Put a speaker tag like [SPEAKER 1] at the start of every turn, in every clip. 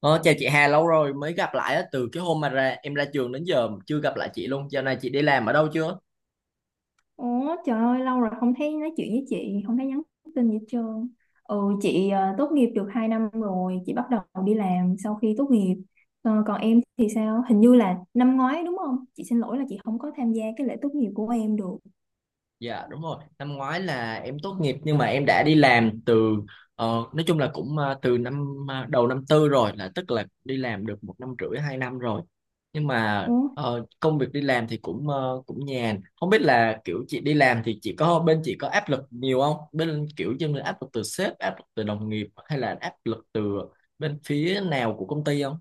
[SPEAKER 1] Ờ, Chào chị Hà, lâu rồi mới gặp lại á, từ cái hôm mà em ra trường đến giờ chưa gặp lại chị luôn. Giờ này chị đi làm ở đâu chưa?
[SPEAKER 2] Ủa trời ơi, lâu rồi không thấy nói chuyện với chị. Không thấy nhắn tin gì hết trơn. Ừ, chị tốt nghiệp được 2 năm rồi. Chị bắt đầu đi làm sau khi tốt nghiệp. Ờ, còn em thì sao? Hình như là năm ngoái đúng không? Chị xin lỗi là chị không có tham gia cái lễ tốt nghiệp của em được.
[SPEAKER 1] Dạ đúng rồi, năm ngoái là em tốt nghiệp nhưng mà em đã đi làm từ ờ, nói chung là cũng từ năm đầu năm tư rồi, là tức là đi làm được một năm rưỡi hai năm rồi. Nhưng mà
[SPEAKER 2] Ủa.
[SPEAKER 1] công việc đi làm thì cũng cũng nhàn. Không biết là kiểu chị đi làm thì chị có bên chị có áp lực nhiều không? Bên kiểu như là áp lực từ sếp, áp lực từ đồng nghiệp hay là áp lực từ bên phía nào của công ty không?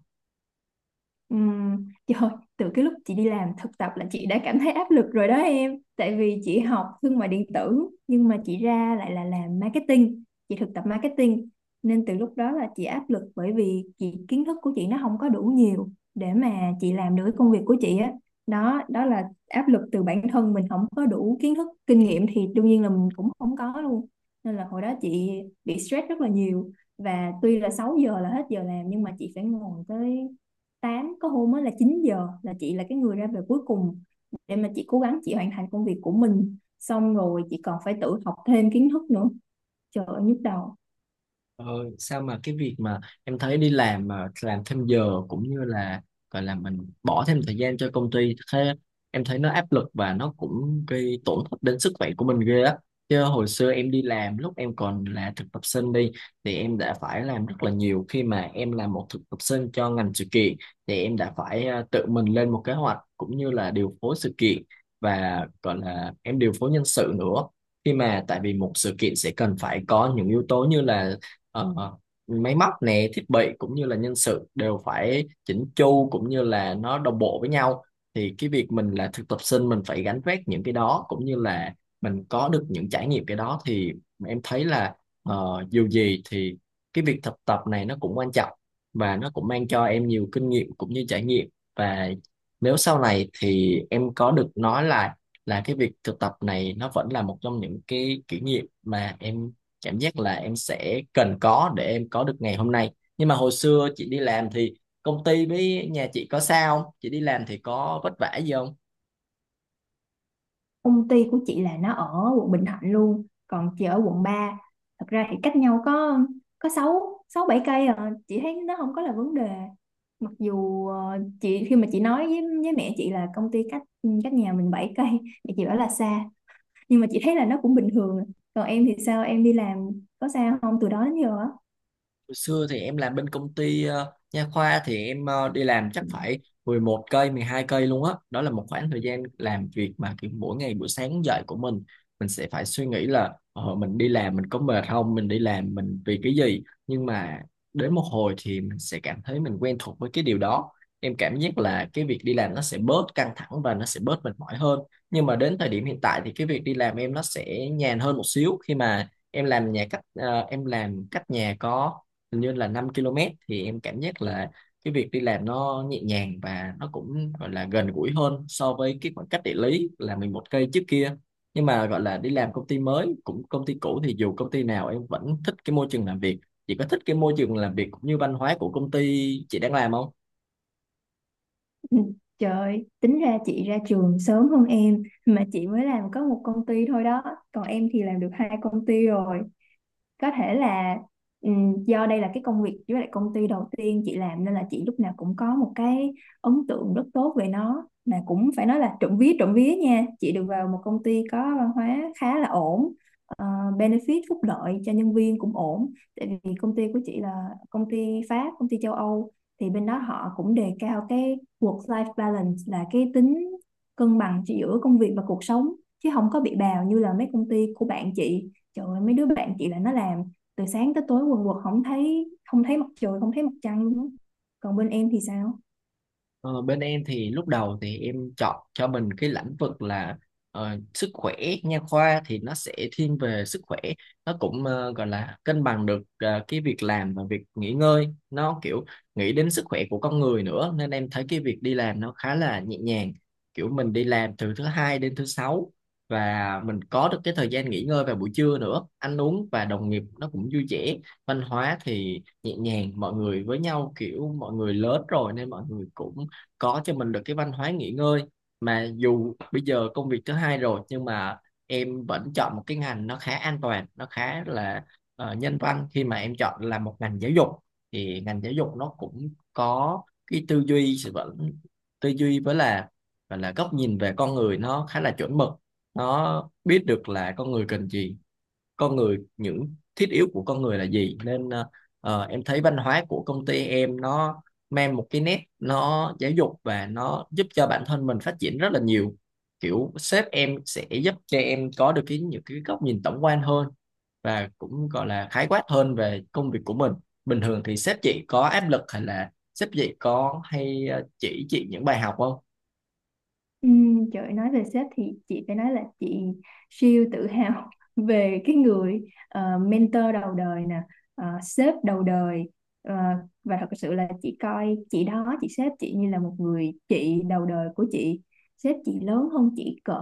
[SPEAKER 2] Trời, từ cái lúc chị đi làm thực tập là chị đã cảm thấy áp lực rồi đó em. Tại vì chị học thương mại điện tử nhưng mà chị ra lại là làm marketing, chị thực tập marketing, nên từ lúc đó là chị áp lực bởi vì chị kiến thức của chị nó không có đủ nhiều để mà chị làm được cái công việc của chị á. Đó là áp lực từ bản thân mình không có đủ kiến thức, kinh nghiệm thì đương nhiên là mình cũng không có luôn. Nên là hồi đó chị bị stress rất là nhiều, và tuy là 6 giờ là hết giờ làm nhưng mà chị phải ngồi tới tám, có hôm mới là 9 giờ, là chị là cái người ra về cuối cùng, để mà chị cố gắng chị hoàn thành công việc của mình xong rồi chị còn phải tự học thêm kiến thức nữa. Trời ơi nhức đầu.
[SPEAKER 1] Ờ, Sao mà cái việc mà em thấy đi làm mà làm thêm giờ cũng như là gọi là mình bỏ thêm thời gian cho công ty thế, em thấy nó áp lực và nó cũng gây tổn thất đến sức khỏe của mình ghê á. Chứ hồi xưa em đi làm lúc em còn là thực tập sinh đi, thì em đã phải làm rất là nhiều khi mà em là một thực tập sinh cho ngành sự kiện, thì em đã phải tự mình lên một kế hoạch cũng như là điều phối sự kiện và gọi là em điều phối nhân sự nữa. Khi mà tại vì một sự kiện sẽ cần phải có những yếu tố như là Ờ, máy móc nè, thiết bị cũng như là nhân sự đều phải chỉnh chu cũng như là nó đồng bộ với nhau, thì cái việc mình là thực tập sinh mình phải gánh vác những cái đó cũng như là mình có được những trải nghiệm cái đó, thì em thấy là dù gì thì cái việc thực tập này nó cũng quan trọng và nó cũng mang cho em nhiều kinh nghiệm cũng như trải nghiệm. Và nếu sau này thì em có được nói là cái việc thực tập này nó vẫn là một trong những cái kỷ niệm mà em cảm giác là em sẽ cần có để em có được ngày hôm nay. Nhưng mà hồi xưa chị đi làm thì công ty với nhà chị có sao không, chị đi làm thì có vất vả gì không?
[SPEAKER 2] Công ty của chị là nó ở quận Bình Thạnh luôn, còn chị ở quận ba. Thật ra thì cách nhau có sáu sáu bảy cây à, chị thấy nó không có là vấn đề. Mặc dù chị, khi mà chị nói với mẹ chị là công ty cách cách nhà mình 7 cây thì chị bảo là xa, nhưng mà chị thấy là nó cũng bình thường. Còn em thì sao, em đi làm có sao không từ đó đến giờ á?
[SPEAKER 1] Hồi xưa thì em làm bên công ty nha khoa, thì em đi làm chắc phải 11 cây, 12 cây luôn á. Đó là một khoảng thời gian làm việc mà kiểu mỗi ngày buổi sáng dậy của mình sẽ phải suy nghĩ là mình đi làm mình có mệt không, mình đi làm mình vì cái gì. Nhưng mà đến một hồi thì mình sẽ cảm thấy mình quen thuộc với cái điều đó. Em cảm giác là cái việc đi làm nó sẽ bớt căng thẳng và nó sẽ bớt mệt mỏi hơn. Nhưng mà đến thời điểm hiện tại thì cái việc đi làm em nó sẽ nhàn hơn một xíu, khi mà em làm nhà cách ờ, em làm cách nhà có hình như là 5 km, thì em cảm giác là cái việc đi làm nó nhẹ nhàng và nó cũng gọi là gần gũi hơn so với cái khoảng cách địa lý là 11 cây trước kia. Nhưng mà gọi là đi làm công ty mới cũng công ty cũ thì dù công ty nào em vẫn thích cái môi trường làm việc. Chị có thích cái môi trường làm việc cũng như văn hóa của công ty chị đang làm không?
[SPEAKER 2] Ừ. Trời ơi, tính ra chị ra trường sớm hơn em mà chị mới làm có một công ty thôi đó, còn em thì làm được hai công ty rồi. Có thể là do đây là cái công việc với lại công ty đầu tiên chị làm nên là chị lúc nào cũng có một cái ấn tượng rất tốt về nó. Mà cũng phải nói là, trộm vía nha, chị được vào một công ty có văn hóa khá là ổn, ờ, benefit phúc lợi cho nhân viên cũng ổn. Tại vì công ty của chị là công ty Pháp, công ty châu Âu, thì bên đó họ cũng đề cao cái work-life balance, là cái tính cân bằng giữa công việc và cuộc sống, chứ không có bị bào như là mấy công ty của bạn chị. Trời ơi, mấy đứa bạn chị là nó làm từ sáng tới tối quần quật, không thấy không thấy mặt trời, không thấy mặt trăng luôn. Còn bên em thì sao?
[SPEAKER 1] Ờ, Bên em thì lúc đầu thì em chọn cho mình cái lĩnh vực là sức khỏe, nha khoa thì nó sẽ thiên về sức khỏe, nó cũng gọi là cân bằng được cái việc làm và việc nghỉ ngơi, nó kiểu nghĩ đến sức khỏe của con người nữa nên em thấy cái việc đi làm nó khá là nhẹ nhàng, kiểu mình đi làm từ thứ hai đến thứ sáu và mình có được cái thời gian nghỉ ngơi vào buổi trưa nữa, ăn uống và đồng nghiệp nó cũng vui vẻ, văn hóa thì nhẹ nhàng, mọi người với nhau kiểu mọi người lớn rồi nên mọi người cũng có cho mình được cái văn hóa nghỉ ngơi. Mà dù bây giờ công việc thứ hai rồi nhưng mà em vẫn chọn một cái ngành nó khá an toàn, nó khá là nhân văn, khi mà em chọn là một ngành giáo dục, thì ngành giáo dục nó cũng có cái tư duy sự vẫn tư duy với là và là góc nhìn về con người nó khá là chuẩn mực, nó biết được là con người cần gì, con người những thiết yếu của con người là gì, nên em thấy văn hóa của công ty em nó mang một cái nét nó giáo dục và nó giúp cho bản thân mình phát triển rất là nhiều, kiểu sếp em sẽ giúp cho em có được cái những cái góc nhìn tổng quan hơn và cũng gọi là khái quát hơn về công việc của mình. Bình thường thì sếp chị có áp lực hay là sếp chị có hay chỉ chị những bài học không?
[SPEAKER 2] Ừ, trời ơi, nói về sếp thì chị phải nói là chị siêu tự hào về cái người mentor đầu đời nè, sếp đầu đời. Ờ, và thật sự là chị coi chị đó, chị sếp chị, như là một người chị đầu đời của chị. Sếp chị lớn hơn chị cỡ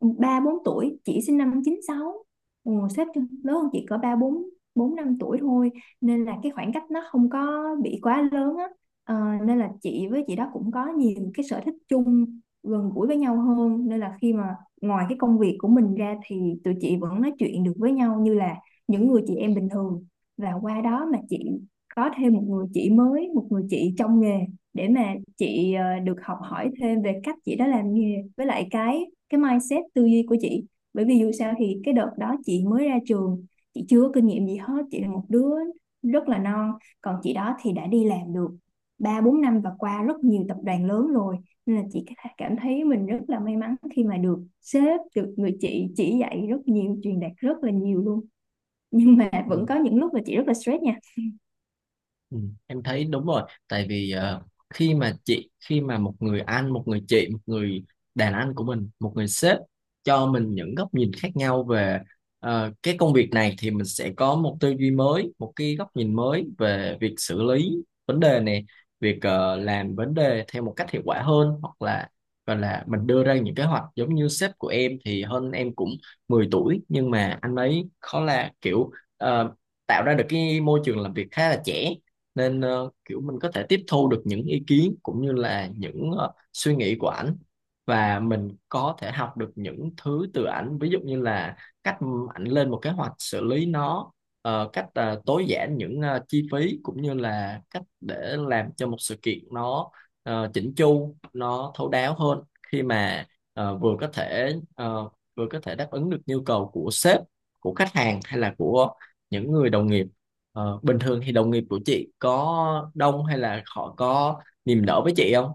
[SPEAKER 2] ba bốn tuổi, chị sinh năm 96. Ừ, sếp lớn hơn chị cỡ ba bốn bốn năm tuổi thôi, nên là cái khoảng cách nó không có bị quá lớn á. Ờ, nên là chị với chị đó cũng có nhiều cái sở thích chung, gần gũi với nhau hơn, nên là khi mà ngoài cái công việc của mình ra thì tụi chị vẫn nói chuyện được với nhau như là những người chị em bình thường. Và qua đó mà chị có thêm một người chị mới, một người chị trong nghề, để mà chị được học hỏi thêm về cách chị đã làm nghề với lại cái mindset tư duy của chị. Bởi vì dù sao thì cái đợt đó chị mới ra trường, chị chưa có kinh nghiệm gì hết, chị là một đứa rất là non, còn chị đó thì đã đi làm được ba bốn năm và qua rất nhiều tập đoàn lớn rồi. Nên là chị cảm thấy mình rất là may mắn khi mà được sếp, được người chị chỉ dạy rất nhiều, truyền đạt rất là nhiều luôn. Nhưng mà
[SPEAKER 1] Ừ.
[SPEAKER 2] vẫn có những lúc mà chị rất là stress nha.
[SPEAKER 1] Ừ, em thấy đúng rồi, tại vì khi mà một người anh, một người chị, một người đàn anh của mình, một người sếp cho mình những góc nhìn khác nhau về cái công việc này, thì mình sẽ có một tư duy mới, một cái góc nhìn mới về việc xử lý vấn đề này, việc làm vấn đề theo một cách hiệu quả hơn, hoặc là gọi là mình đưa ra những kế hoạch. Giống như sếp của em thì hơn em cũng 10 tuổi, nhưng mà anh ấy khó là kiểu ờ, tạo ra được cái môi trường làm việc khá là trẻ, nên kiểu mình có thể tiếp thu được những ý kiến cũng như là những suy nghĩ của ảnh, và mình có thể học được những thứ từ ảnh, ví dụ như là cách ảnh lên một kế hoạch xử lý nó, cách tối giản những chi phí cũng như là cách để làm cho một sự kiện nó chỉnh chu, nó thấu đáo hơn, khi mà ờ, vừa có thể ờ, vừa có thể đáp ứng được nhu cầu của sếp, của khách hàng hay là của những người đồng nghiệp. Bình thường thì đồng nghiệp của chị có đông hay là họ có niềm nở với chị không?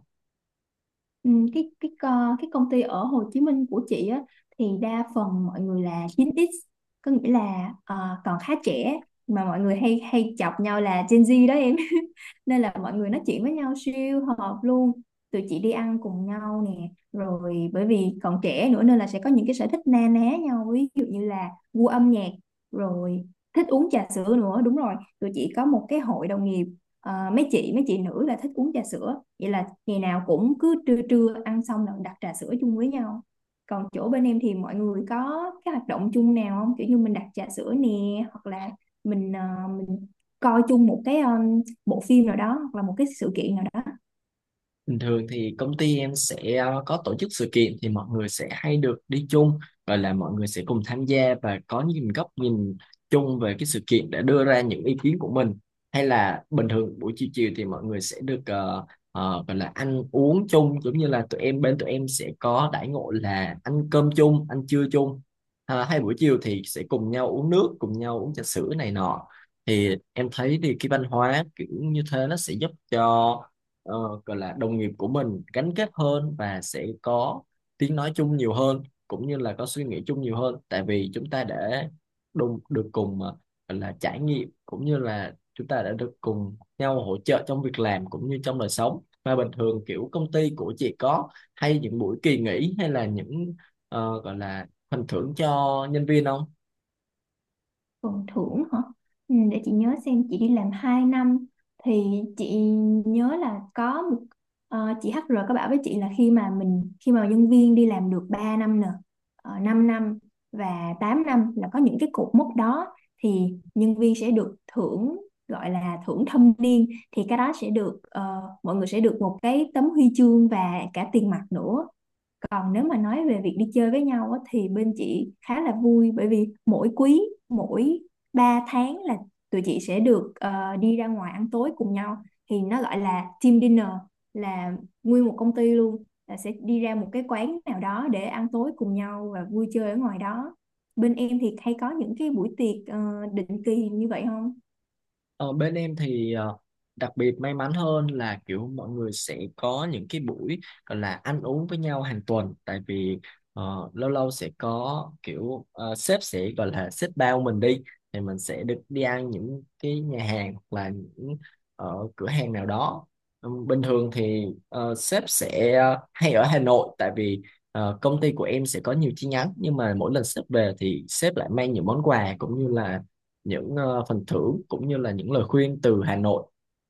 [SPEAKER 2] Ừ, cái công ty ở Hồ Chí Minh của chị á thì đa phần mọi người là 9X, có nghĩa là còn khá trẻ, mà mọi người hay hay chọc nhau là Gen Z đó em. Nên là mọi người nói chuyện với nhau siêu hợp luôn, tụi chị đi ăn cùng nhau nè, rồi bởi vì còn trẻ nữa nên là sẽ có những cái sở thích na ná nhau, ví dụ như là gu âm nhạc, rồi thích uống trà sữa nữa, đúng rồi. Tụi chị có một cái hội đồng nghiệp. Ờ, mấy chị nữ là thích uống trà sữa, vậy là ngày nào cũng cứ trưa trưa ăn xong là đặt trà sữa chung với nhau. Còn chỗ bên em thì mọi người có cái hoạt động chung nào không, kiểu như mình đặt trà sữa nè, hoặc là mình ờ, mình coi chung một cái bộ phim nào đó, hoặc là một cái sự kiện nào đó?
[SPEAKER 1] Bình thường thì công ty em sẽ có tổ chức sự kiện thì mọi người sẽ hay được đi chung, và là mọi người sẽ cùng tham gia và có những góc nhìn chung về cái sự kiện để đưa ra những ý kiến của mình. Hay là bình thường buổi chiều chiều thì mọi người sẽ được gọi là ăn uống chung, giống như là tụi em sẽ có đãi ngộ là ăn cơm chung, ăn trưa chung, à, hay buổi chiều thì sẽ cùng nhau uống nước, cùng nhau uống trà sữa này nọ. Thì em thấy thì cái văn hóa kiểu như thế nó sẽ giúp cho ờ, gọi là đồng nghiệp của mình gắn kết hơn và sẽ có tiếng nói chung nhiều hơn cũng như là có suy nghĩ chung nhiều hơn, tại vì chúng ta đã được cùng gọi là trải nghiệm cũng như là chúng ta đã được cùng nhau hỗ trợ trong việc làm cũng như trong đời sống. Và bình thường kiểu công ty của chị có hay những buổi kỳ nghỉ hay là những gọi là phần thưởng cho nhân viên không?
[SPEAKER 2] Phần thưởng hả? Ừ, để chị nhớ xem. Chị đi làm 2 năm, thì chị nhớ là có một chị HR có bảo với chị là khi mà mình, khi mà nhân viên đi làm được 3 năm nè, 5 năm và 8 năm, là có những cái cột mốc đó thì nhân viên sẽ được thưởng, gọi là thưởng thâm niên. Thì cái đó sẽ được, mọi người sẽ được một cái tấm huy chương và cả tiền mặt nữa. Còn nếu mà nói về việc đi chơi với nhau á, thì bên chị khá là vui, bởi vì mỗi quý, mỗi 3 tháng là tụi chị sẽ được đi ra ngoài ăn tối cùng nhau, thì nó gọi là team dinner, là nguyên một công ty luôn là sẽ đi ra một cái quán nào đó để ăn tối cùng nhau và vui chơi ở ngoài đó. Bên em thì hay có những cái buổi tiệc định kỳ như vậy không?
[SPEAKER 1] Ờ, Bên em thì đặc biệt may mắn hơn là kiểu mọi người sẽ có những cái buổi gọi là ăn uống với nhau hàng tuần, tại vì lâu lâu sẽ có kiểu sếp sẽ gọi là sếp bao mình đi, thì mình sẽ được đi ăn những cái nhà hàng hoặc là những cửa hàng nào đó. Ừ, bình thường thì sếp sẽ hay ở Hà Nội, tại vì công ty của em sẽ có nhiều chi nhánh, nhưng mà mỗi lần sếp về thì sếp lại mang những món quà cũng như là những phần thưởng cũng như là những lời khuyên từ Hà Nội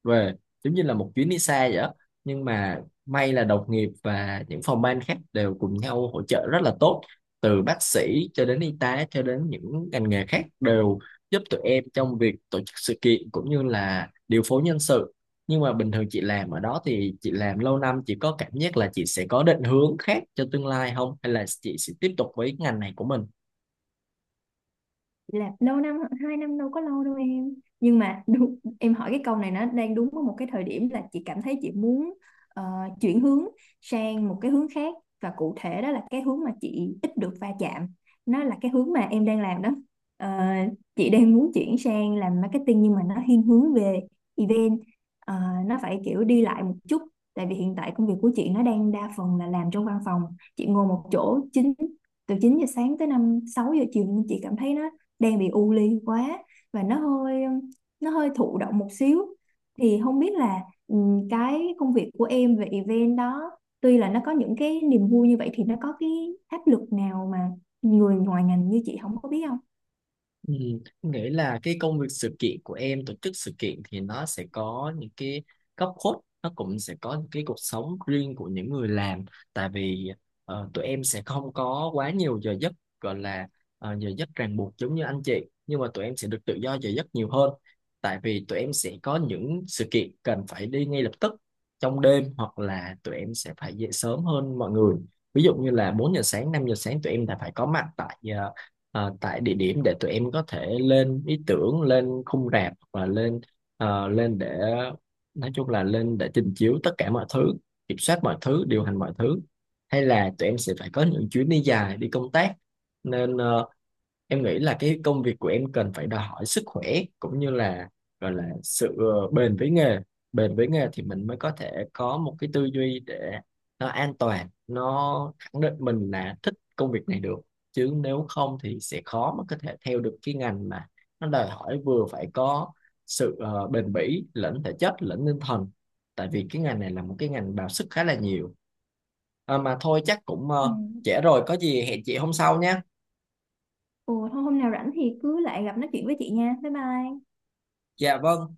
[SPEAKER 1] về, giống như là một chuyến đi xa vậy đó. Nhưng mà may là đồng nghiệp và những phòng ban khác đều cùng nhau hỗ trợ rất là tốt, từ bác sĩ cho đến y tá cho đến những ngành nghề khác đều giúp tụi em trong việc tổ chức sự kiện cũng như là điều phối nhân sự. Nhưng mà bình thường chị làm ở đó thì chị làm lâu năm, chị có cảm giác là chị sẽ có định hướng khác cho tương lai không, hay là chị sẽ tiếp tục với ngành này của mình?
[SPEAKER 2] Là lâu năm, hai năm đâu có lâu đâu em. Nhưng mà đúng, em hỏi cái câu này nó đang đúng ở một cái thời điểm là chị cảm thấy chị muốn ờ, chuyển hướng sang một cái hướng khác, và cụ thể đó là cái hướng mà chị ít được va chạm, nó là cái hướng mà em đang làm đó. Ờ, chị đang muốn chuyển sang làm marketing nhưng mà nó thiên hướng về event. Ờ, nó phải kiểu đi lại một chút, tại vì hiện tại công việc của chị nó đang đa phần là làm trong văn phòng, chị ngồi một chỗ từ 9 giờ sáng tới 5 6 giờ chiều, nhưng chị cảm thấy nó đang bị u ly quá, và nó hơi thụ động một xíu. Thì không biết là cái công việc của em về event đó, tuy là nó có những cái niềm vui như vậy, thì nó có cái áp lực nào mà người ngoài ngành như chị không có biết không?
[SPEAKER 1] Ừ, em nghĩ là cái công việc sự kiện của em, tổ chức sự kiện thì nó sẽ có những cái góc khuất, nó cũng sẽ có những cái cuộc sống riêng của những người làm. Tại vì tụi em sẽ không có quá nhiều giờ giấc gọi là giờ giấc ràng buộc giống như anh chị, nhưng mà tụi em sẽ được tự do giờ giấc nhiều hơn, tại vì tụi em sẽ có những sự kiện cần phải đi ngay lập tức trong đêm, hoặc là tụi em sẽ phải dậy sớm hơn mọi người, ví dụ như là 4 giờ sáng, 5 giờ sáng tụi em đã phải có mặt tại tại địa điểm để tụi em có thể lên ý tưởng, lên khung rạp và lên ờ, lên để nói chung là lên để trình chiếu tất cả mọi thứ, kiểm soát mọi thứ, điều hành mọi thứ, hay là tụi em sẽ phải có những chuyến đi dài, đi công tác. Nên em nghĩ là cái công việc của em cần phải đòi hỏi sức khỏe cũng như là gọi là sự bền với nghề. Bền với nghề thì mình mới có thể có một cái tư duy để nó an toàn, nó khẳng định mình là thích công việc này được, chứ nếu không thì sẽ khó mà có thể theo được cái ngành mà nó đòi hỏi vừa phải có sự bền bỉ lẫn thể chất lẫn tinh thần, tại vì cái ngành này là một cái ngành bào sức khá là nhiều. À, mà thôi chắc cũng
[SPEAKER 2] Ừ.
[SPEAKER 1] trễ rồi, có gì hẹn chị hôm sau nhé.
[SPEAKER 2] Ồ, thôi hôm nào rảnh thì cứ lại gặp nói chuyện với chị nha. Bye bye.
[SPEAKER 1] Dạ vâng.